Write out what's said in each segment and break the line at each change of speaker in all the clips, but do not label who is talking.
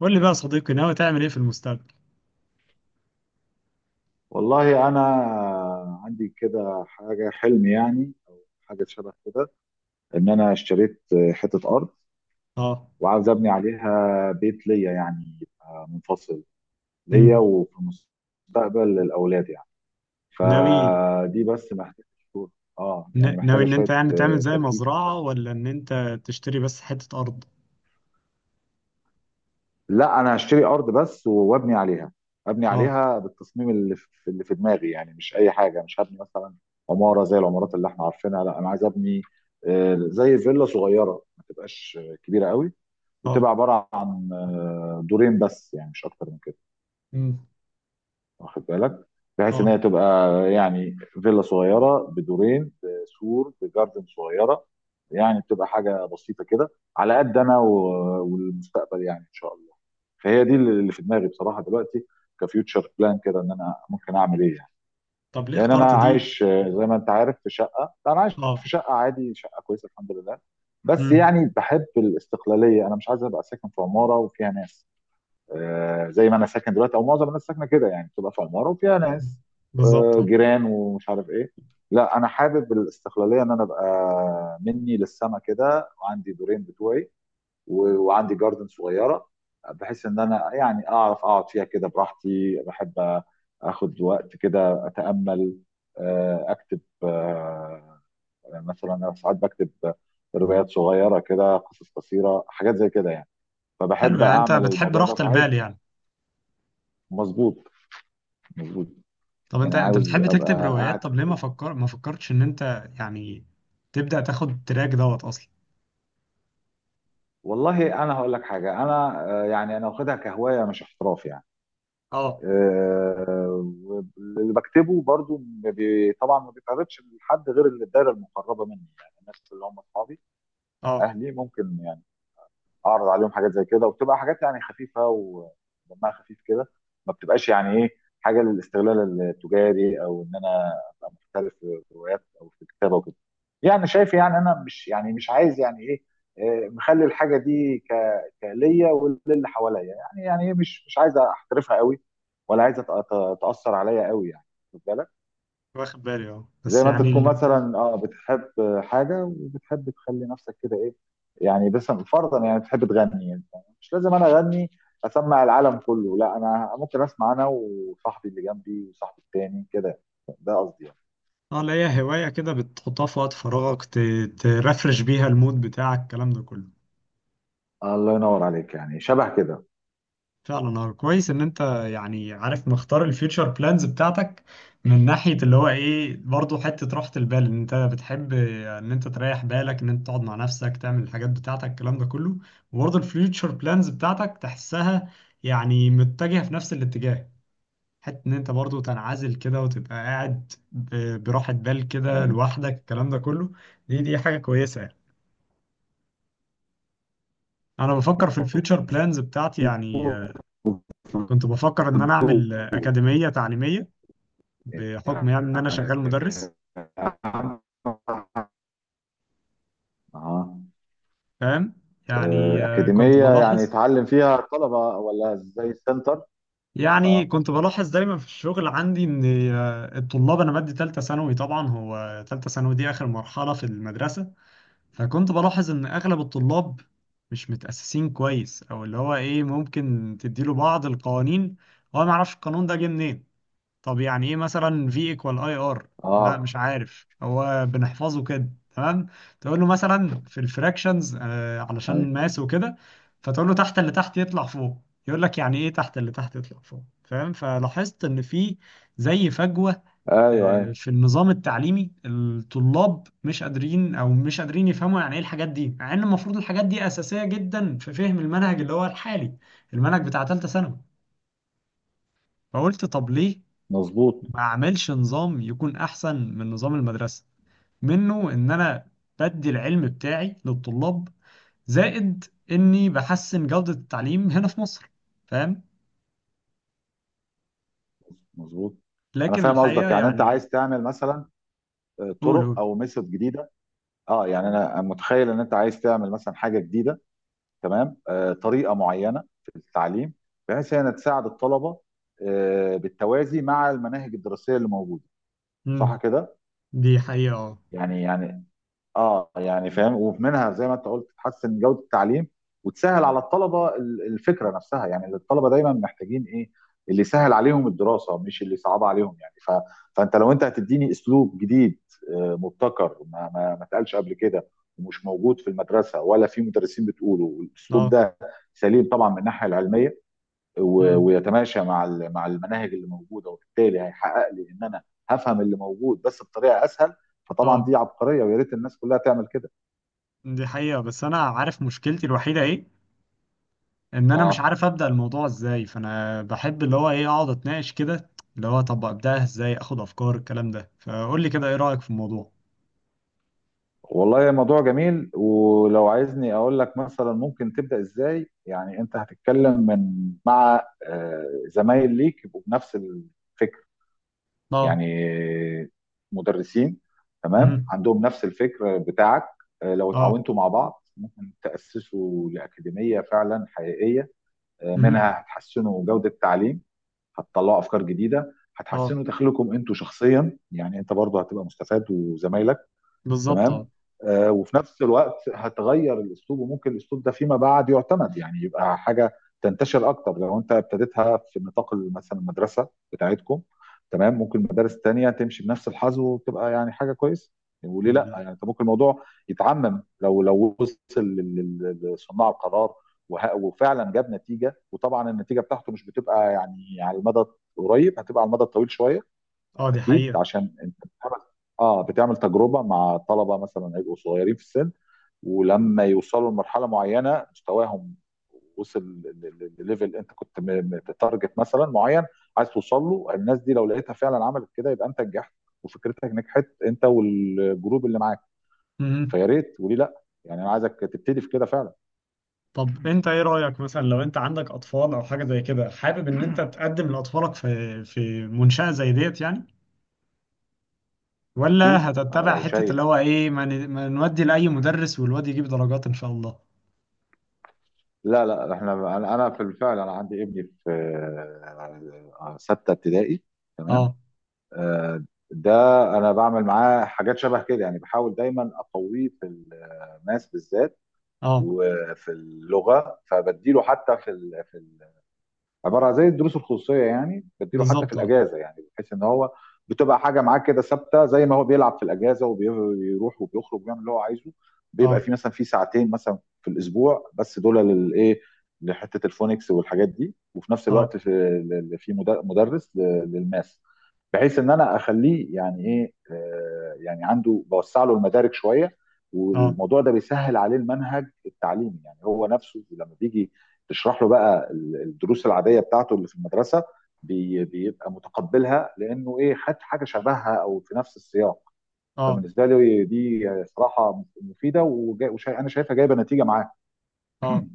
قول لي بقى يا صديقي، ناوي تعمل ايه في المستقبل؟
والله انا عندي كده حاجه، حلم يعني او حاجه شبه كده، ان انا اشتريت حته ارض،
اه.
وعاوز ابني عليها بيت ليا يعني يبقى منفصل ليا،
امم.
وفي المستقبل للاولاد يعني.
ناوي.
فدي بس محتاجه شوية- اه، يعني
ناوي
محتاجه
ان انت
شويه
يعني تعمل زي
تركيز كده.
مزرعة ولا ان انت تشتري بس حتة ارض؟
لا انا هشتري ارض بس وابني عليها، ابني
اه.
عليها بالتصميم اللي في دماغي، يعني مش اي حاجه، مش هبني مثلا عماره زي العمارات اللي احنا عارفينها. لا انا عايز ابني زي فيلا صغيره ما تبقاش كبيره قوي،
اه.
وتبقى عباره عن دورين بس، يعني مش اكتر من كده.
امم.
واخد بالك؟ بحيث ان
اه.
هي تبقى يعني فيلا صغيره بدورين، بسور، بجاردن صغيره، يعني بتبقى حاجه بسيطه كده على قد انا والمستقبل يعني، ان شاء الله. فهي دي اللي في دماغي بصراحه دلوقتي، كفيوتشر بلان كده، ان انا ممكن اعمل ايه يعني.
طب ليه
لان انا
اخترت دي؟
عايش زي ما انت عارف في شقه، لا انا عايش
اه.
في شقه عادي، شقه كويسه الحمد لله، بس
امم.
يعني بحب الاستقلاليه، انا مش عايز ابقى ساكن في عماره وفيها ناس، زي ما انا ساكن دلوقتي، او معظم الناس ساكنه كده يعني، بتبقى في عماره وفيها ناس،
بالظبط، اه.
جيران ومش عارف ايه. لا انا حابب الاستقلاليه، ان انا ابقى مني للسما كده وعندي دورين بتوعي، وعندي جاردن صغيره، بحيث ان انا يعني اعرف اقعد فيها كده براحتي. بحب اخد وقت كده اتامل، اكتب، مثلا انا ساعات بكتب روايات صغيره كده، قصص قصيره، حاجات زي كده يعني.
حلو،
فبحب
يعني انت
اعمل
بتحب
الموضوع
راحة
ده،
البال
فعايز.
يعني.
مظبوط. مظبوط.
طب انت
يعني
انت
عاوز
بتحب تكتب
ابقى قاعد
روايات، طب
في
ليه
هدوء.
ما فكرتش ان انت يعني تبدأ تاخد تراك دوت اصلا؟
والله انا هقول لك حاجه، انا آه، يعني انا واخدها كهوايه مش احتراف يعني.
اه.
آه، واللي بكتبه برضو، ما بي- طبعا ما بيتعرضش لحد غير اللي الدايره المقربه مني، يعني الناس اللي هم اصحابي،
اه.
اهلي، ممكن يعني اعرض عليهم حاجات زي كده، وبتبقى حاجات يعني خفيفه ودمها خفيف كده، ما بتبقاش يعني ايه، حاجه للاستغلال التجاري، او ان انا ابقى محترف في الروايات او في الكتابه وكده. يعني شايف؟ يعني انا مش، يعني مش عايز يعني ايه، مخلي الحاجه دي كليا وللي حواليا، يعني إيه، مش عايز احترفها قوي، ولا عايز تاثر عليا قوي يعني. واخد بالك؟
واخد بالي، اه،
زي
بس
ما انت
يعني.
تكون مثلا اه بتحب حاجه، وبتحب تخلي نفسك كده ايه يعني، بس فرضا يعني بتحب تغني يعني، مش لازم انا اغني اسمع العالم كله، لا انا ممكن اسمع انا وصاحبي اللي جنبي وصاحبي التاني كده، ده قصدي يعني.
اه، لا هي هواية كده بتحطها في وقت فراغك، ترفرش بيها المود بتاعك الكلام ده كله.
الله ينور عليك، يعني شبه كده.
فعلا، اه. كويس ان انت يعني عارف، مختار الفيوتشر بلانز بتاعتك من ناحية اللي هو ايه، برضو حتة راحة البال، ان انت بتحب ان انت تريح بالك، ان انت تقعد مع نفسك تعمل الحاجات بتاعتك الكلام ده كله. وبرضو الفيوتشر بلانز بتاعتك تحسها يعني متجهة في نفس الاتجاه. حتة ان انت برضو تنعزل كده وتبقى قاعد براحة بال كده لوحدك الكلام ده كله. دي حاجة كويسة يعني. انا بفكر في الفيوتشر بلانز بتاعتي يعني. كنت بفكر ان انا اعمل اكاديميه تعليميه بحكم
يعني
يعني ان انا شغال مدرس.
أهم.
فاهم. يعني كنت
أكاديمية يعني
بلاحظ.
يتعلم فيها الطلبة ولا زي السنتر؟
يعني
اه،
كنت بلاحظ دايما في الشغل عندي ان الطلاب، انا بدي ثالثه ثانوي، طبعا هو ثالثه ثانوي دي اخر مرحله في المدرسه. فكنت بلاحظ ان اغلب الطلاب مش متاسسين كويس، او اللي هو ايه، ممكن تديله بعض القوانين هو ما يعرفش القانون ده جه منين. طب يعني ايه مثلا في ايكوال اي ار؟ لا
اه،
مش عارف، هو بنحفظه كده تمام. تقول له مثلا في الفراكشنز آه
ايوه،
علشان ماس وكده، فتقول له تحت اللي تحت يطلع فوق. يقول لك يعني ايه تحت اللي تحت يطلع فوق؟ فاهم. فلاحظت ان في زي فجوة
ايوه، ايوه.
في النظام التعليمي، الطلاب مش قادرين، او مش قادرين يفهموا يعني ايه الحاجات دي، مع ان المفروض الحاجات دي اساسية جدا في فهم المنهج اللي هو الحالي، المنهج بتاع ثالثة ثانوي. فقلت طب ليه
مظبوط.
ما اعملش نظام يكون احسن من نظام المدرسه، منه ان انا بدي العلم بتاعي للطلاب، زائد اني بحسن جوده التعليم هنا في مصر. فاهم.
مظبوط. انا
لكن
فاهم
الحقيقه
قصدك، يعني انت
يعني.
عايز تعمل مثلا
قول،
طرق
قول.
او ميثود جديده، اه يعني انا متخيل ان انت عايز تعمل مثلا حاجه جديده، تمام، طريقه معينه في التعليم، بحيث انها تساعد الطلبه، بالتوازي مع المناهج الدراسيه اللي موجوده. صح
امم.
كده؟
دي حقيقه، اه.
يعني اه، يعني فاهم، ومنها زي ما انت قلت تحسن جوده التعليم، وتسهل على الطلبه الفكره نفسها، يعني الطلبه دايما محتاجين ايه، اللي يسهل عليهم الدراسه مش اللي يصعب عليهم يعني، فانت لو انت هتديني اسلوب جديد، مبتكر، ما اتقالش قبل كده، ومش موجود في المدرسه، ولا في مدرسين بتقوله، والاسلوب
اه.
ده سليم طبعا من الناحيه العلميه،
امم.
ويتماشى مع مع المناهج اللي موجوده، وبالتالي هيحقق لي ان انا هفهم اللي موجود بس بطريقه اسهل، فطبعا
اه.
دي عبقريه، ويا ريت الناس كلها تعمل كده.
دي حقيقه بس انا عارف مشكلتي الوحيده ايه، ان انا مش
اه،
عارف ابدا الموضوع ازاي، فانا بحب اللي هو ايه اقعد اتناقش كده، اللي هو طب ابداها ازاي، اخد افكار الكلام ده. فقول لي كده، ايه رايك في الموضوع؟
والله الموضوع جميل، ولو عايزني اقول لك مثلا ممكن تبدا ازاي، يعني انت هتتكلم مع زمايل ليك يبقوا بنفس الفكر،
اه.
يعني مدرسين، تمام،
امم.
عندهم نفس الفكر بتاعك، لو
اه.
اتعاونتوا مع بعض ممكن تاسسوا لاكاديميه فعلا حقيقيه،
مهم.
منها هتحسنوا جودة التعليم، هتطلعوا أفكار جديدة،
اه.
هتحسنوا دخلكم أنتوا شخصيا، يعني أنت برضه هتبقى مستفاد وزمايلك،
بالظبط،
تمام،
اه.
وفي نفس الوقت هتغير الاسلوب، وممكن الاسلوب ده فيما بعد يعتمد، يعني يبقى حاجه تنتشر اكتر لو انت ابتديتها في نطاق مثلا المدرسه بتاعتكم، تمام، ممكن مدارس تانية تمشي بنفس الحظ وتبقى يعني حاجه كويسه. وليه لا؟ يعني انت ممكن الموضوع يتعمم لو وصل لصناع القرار، وفعلا جاب نتيجه، وطبعا النتيجه بتاعته مش بتبقى يعني على المدى القريب، هتبقى على المدى الطويل شويه،
اه. دي
اكيد،
حقيقة.
عشان انت بتعمل، اه، بتعمل تجربه مع طلبه مثلا هيبقوا صغيرين في السن، ولما يوصلوا لمرحله معينه مستواهم وصل لليفل انت كنت تارجت مثلا معين عايز توصل له، الناس دي لو لقيتها فعلا عملت كده يبقى انت نجحت، وفكرتك نجحت، انت والجروب اللي معاك.
مهم.
فيا ريت، وليه لا يعني، انا عايزك تبتدي في كده فعلا.
طب انت، ايه رأيك مثلا لو انت عندك اطفال او حاجة زي كده، حابب ان انت تقدم لاطفالك في منشأة زي ديت يعني، ولا
اكيد انا
هتتبع
لو
حتة
شايف.
اللي هو ايه، ما نودي لأي مدرس والواد يجيب درجات ان شاء الله؟
لا، لا، احنا، أنا في الفعل، انا عندي ابني في سته ابتدائي، تمام،
اه.
آه، ده انا بعمل معاه حاجات شبه كده، يعني بحاول دايما اقويه في الماس بالذات،
اه.
وفي اللغه، فبديله حتى في في عباره عن زي الدروس الخصوصيه، يعني بديله حتى في
بالظبط، اه.
الاجازه، يعني بحيث ان هو بتبقى حاجه معاه كده ثابته، زي ما هو بيلعب في الاجازه وبيروح وبيخرج وبيعمل اللي هو عايزه، بيبقى
اه.
في مثلا في ساعتين مثلا في الاسبوع بس، دول للايه؟ لحته الفونكس والحاجات دي، وفي نفس
اه.
الوقت في مدرس للماس، بحيث ان انا اخليه يعني ايه، يعني عنده بوسع له المدارك شويه،
اه.
والموضوع ده بيسهل عليه المنهج التعليمي، يعني هو نفسه لما بيجي تشرح له بقى الدروس العاديه بتاعته اللي في المدرسه، بيبقى متقبلها لانه ايه، خد حاجه شبهها او في نفس السياق.
اه.
فبالنسبه لي دي صراحه مفيده، وانا شايفها جايبه نتيجه معاه،
اه.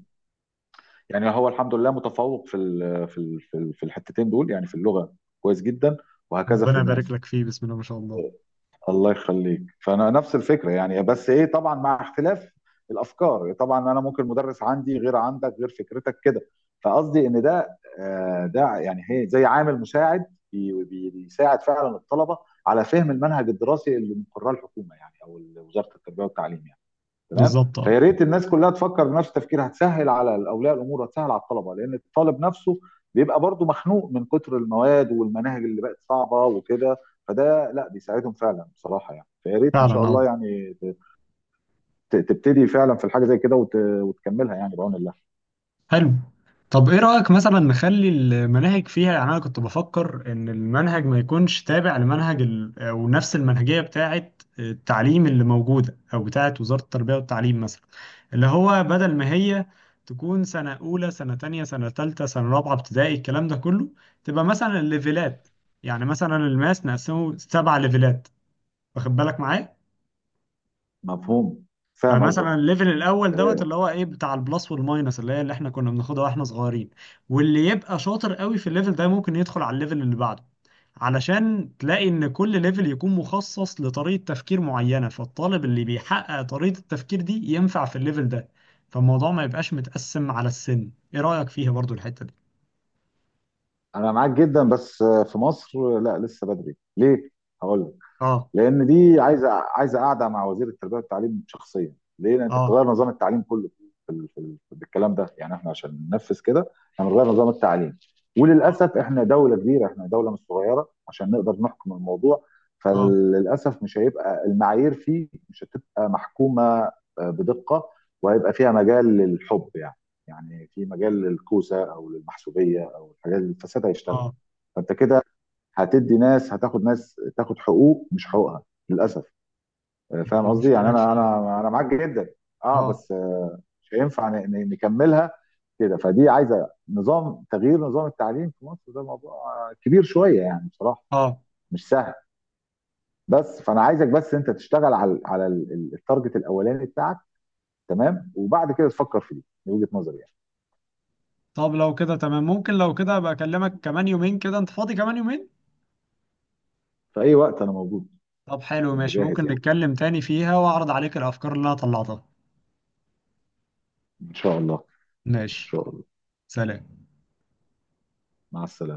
يعني هو الحمد لله متفوق في في الحتتين دول، يعني في اللغه كويس جدا، وهكذا في
ربنا يبارك
الماس.
لك فيه، بسم الله ما شاء الله.
الله يخليك، فانا نفس الفكره يعني، بس ايه، طبعا مع اختلاف الافكار، طبعا انا ممكن مدرس عندي غير عندك، غير فكرتك كده، فقصدي ان ده، يعني هي زي عامل مساعد بيساعد فعلا الطلبه على فهم المنهج الدراسي اللي مقراه الحكومه يعني، او وزاره التربيه والتعليم يعني، تمام.
بالظبط، اه.
فيا ريت الناس كلها تفكر بنفس التفكير، هتسهل على اولياء الامور، هتسهل على الطلبه، لان الطالب نفسه بيبقى برضه مخنوق من كتر المواد والمناهج اللي بقت صعبه وكده، فده لا، بيساعدهم فعلا بصراحه يعني. فيا ريت ان شاء
فعلا، اه.
الله يعني تبتدي فعلا في الحاجه زي كده، وتكملها يعني بعون الله.
حلو. طب ايه رأيك مثلا نخلي المناهج فيها، يعني انا كنت بفكر ان المنهج ما يكونش تابع لمنهج ال... او نفس المنهجية بتاعة التعليم اللي موجودة، او بتاعة وزارة التربية والتعليم مثلا. اللي هو بدل ما هي تكون سنة أولى سنة تانية سنة تالتة سنة رابعة ابتدائي الكلام ده كله، تبقى مثلا الليفلات. يعني مثلا الماس نقسمه 7 ليفلات، واخد بالك معايا؟
مفهوم. فاهم قصدك.
فمثلا الليفل الاول دوت
آه،
اللي هو ايه بتاع البلس والماينس، اللي هي اللي احنا كنا بناخدها واحنا صغيرين. واللي يبقى شاطر قوي في الليفل ده ممكن يدخل على الليفل اللي بعده، علشان تلاقي ان كل ليفل يكون مخصص لطريقة تفكير معينة، فالطالب اللي بيحقق طريقة التفكير دي ينفع في الليفل ده. فالموضوع ما يبقاش متقسم على السن. ايه رأيك فيها برضو الحتة دي؟
انا معاك جدا، بس في مصر لا لسه بدري، ليه، هقول لك.
اه.
لان دي عايزه قاعده مع وزير التربيه والتعليم شخصيا، ليه؟ لان انت
اه.
بتغير نظام التعليم كله بالكلام ده، يعني احنا عشان ننفذ كده احنا بنغير نظام التعليم،
اه.
وللاسف احنا دوله كبيره، احنا دوله مش صغيره عشان نقدر نحكم الموضوع،
اه.
فللاسف مش هيبقى المعايير فيه، مش هتبقى محكومه بدقه، وهيبقى فيها مجال للحب يعني في مجال للكوسه او للمحسوبيه او الحاجات، الفساد هيشتغل،
اه.
فانت كده هتدي ناس، هتاخد ناس تاخد حقوق مش حقوقها للاسف، فاهم
دي
قصدي يعني.
مشكلة
انا
فيها.
معاك جدا. اه،
اه.
بس مش هينفع نكملها كده، فدي عايزه تغيير نظام التعليم في مصر، ده موضوع كبير شويه يعني، بصراحه
اه.
مش سهل. بس فانا عايزك بس انت تشتغل على على التارجت الاولاني بتاعك، تمام، وبعد كده تفكر فيه، من وجهه نظري يعني.
طب لو كده تمام، ممكن لو كده ابقى اكلمك كمان يومين كده، انت فاضي كمان يومين؟
في اي وقت انا موجود.
طب حلو،
أنا
ماشي، ممكن
جاهز يعني،
نتكلم تاني فيها واعرض عليك الافكار اللي انا طلعتها.
ان شاء الله. ان
ماشي.
شاء الله.
سلام.
مع السلامه.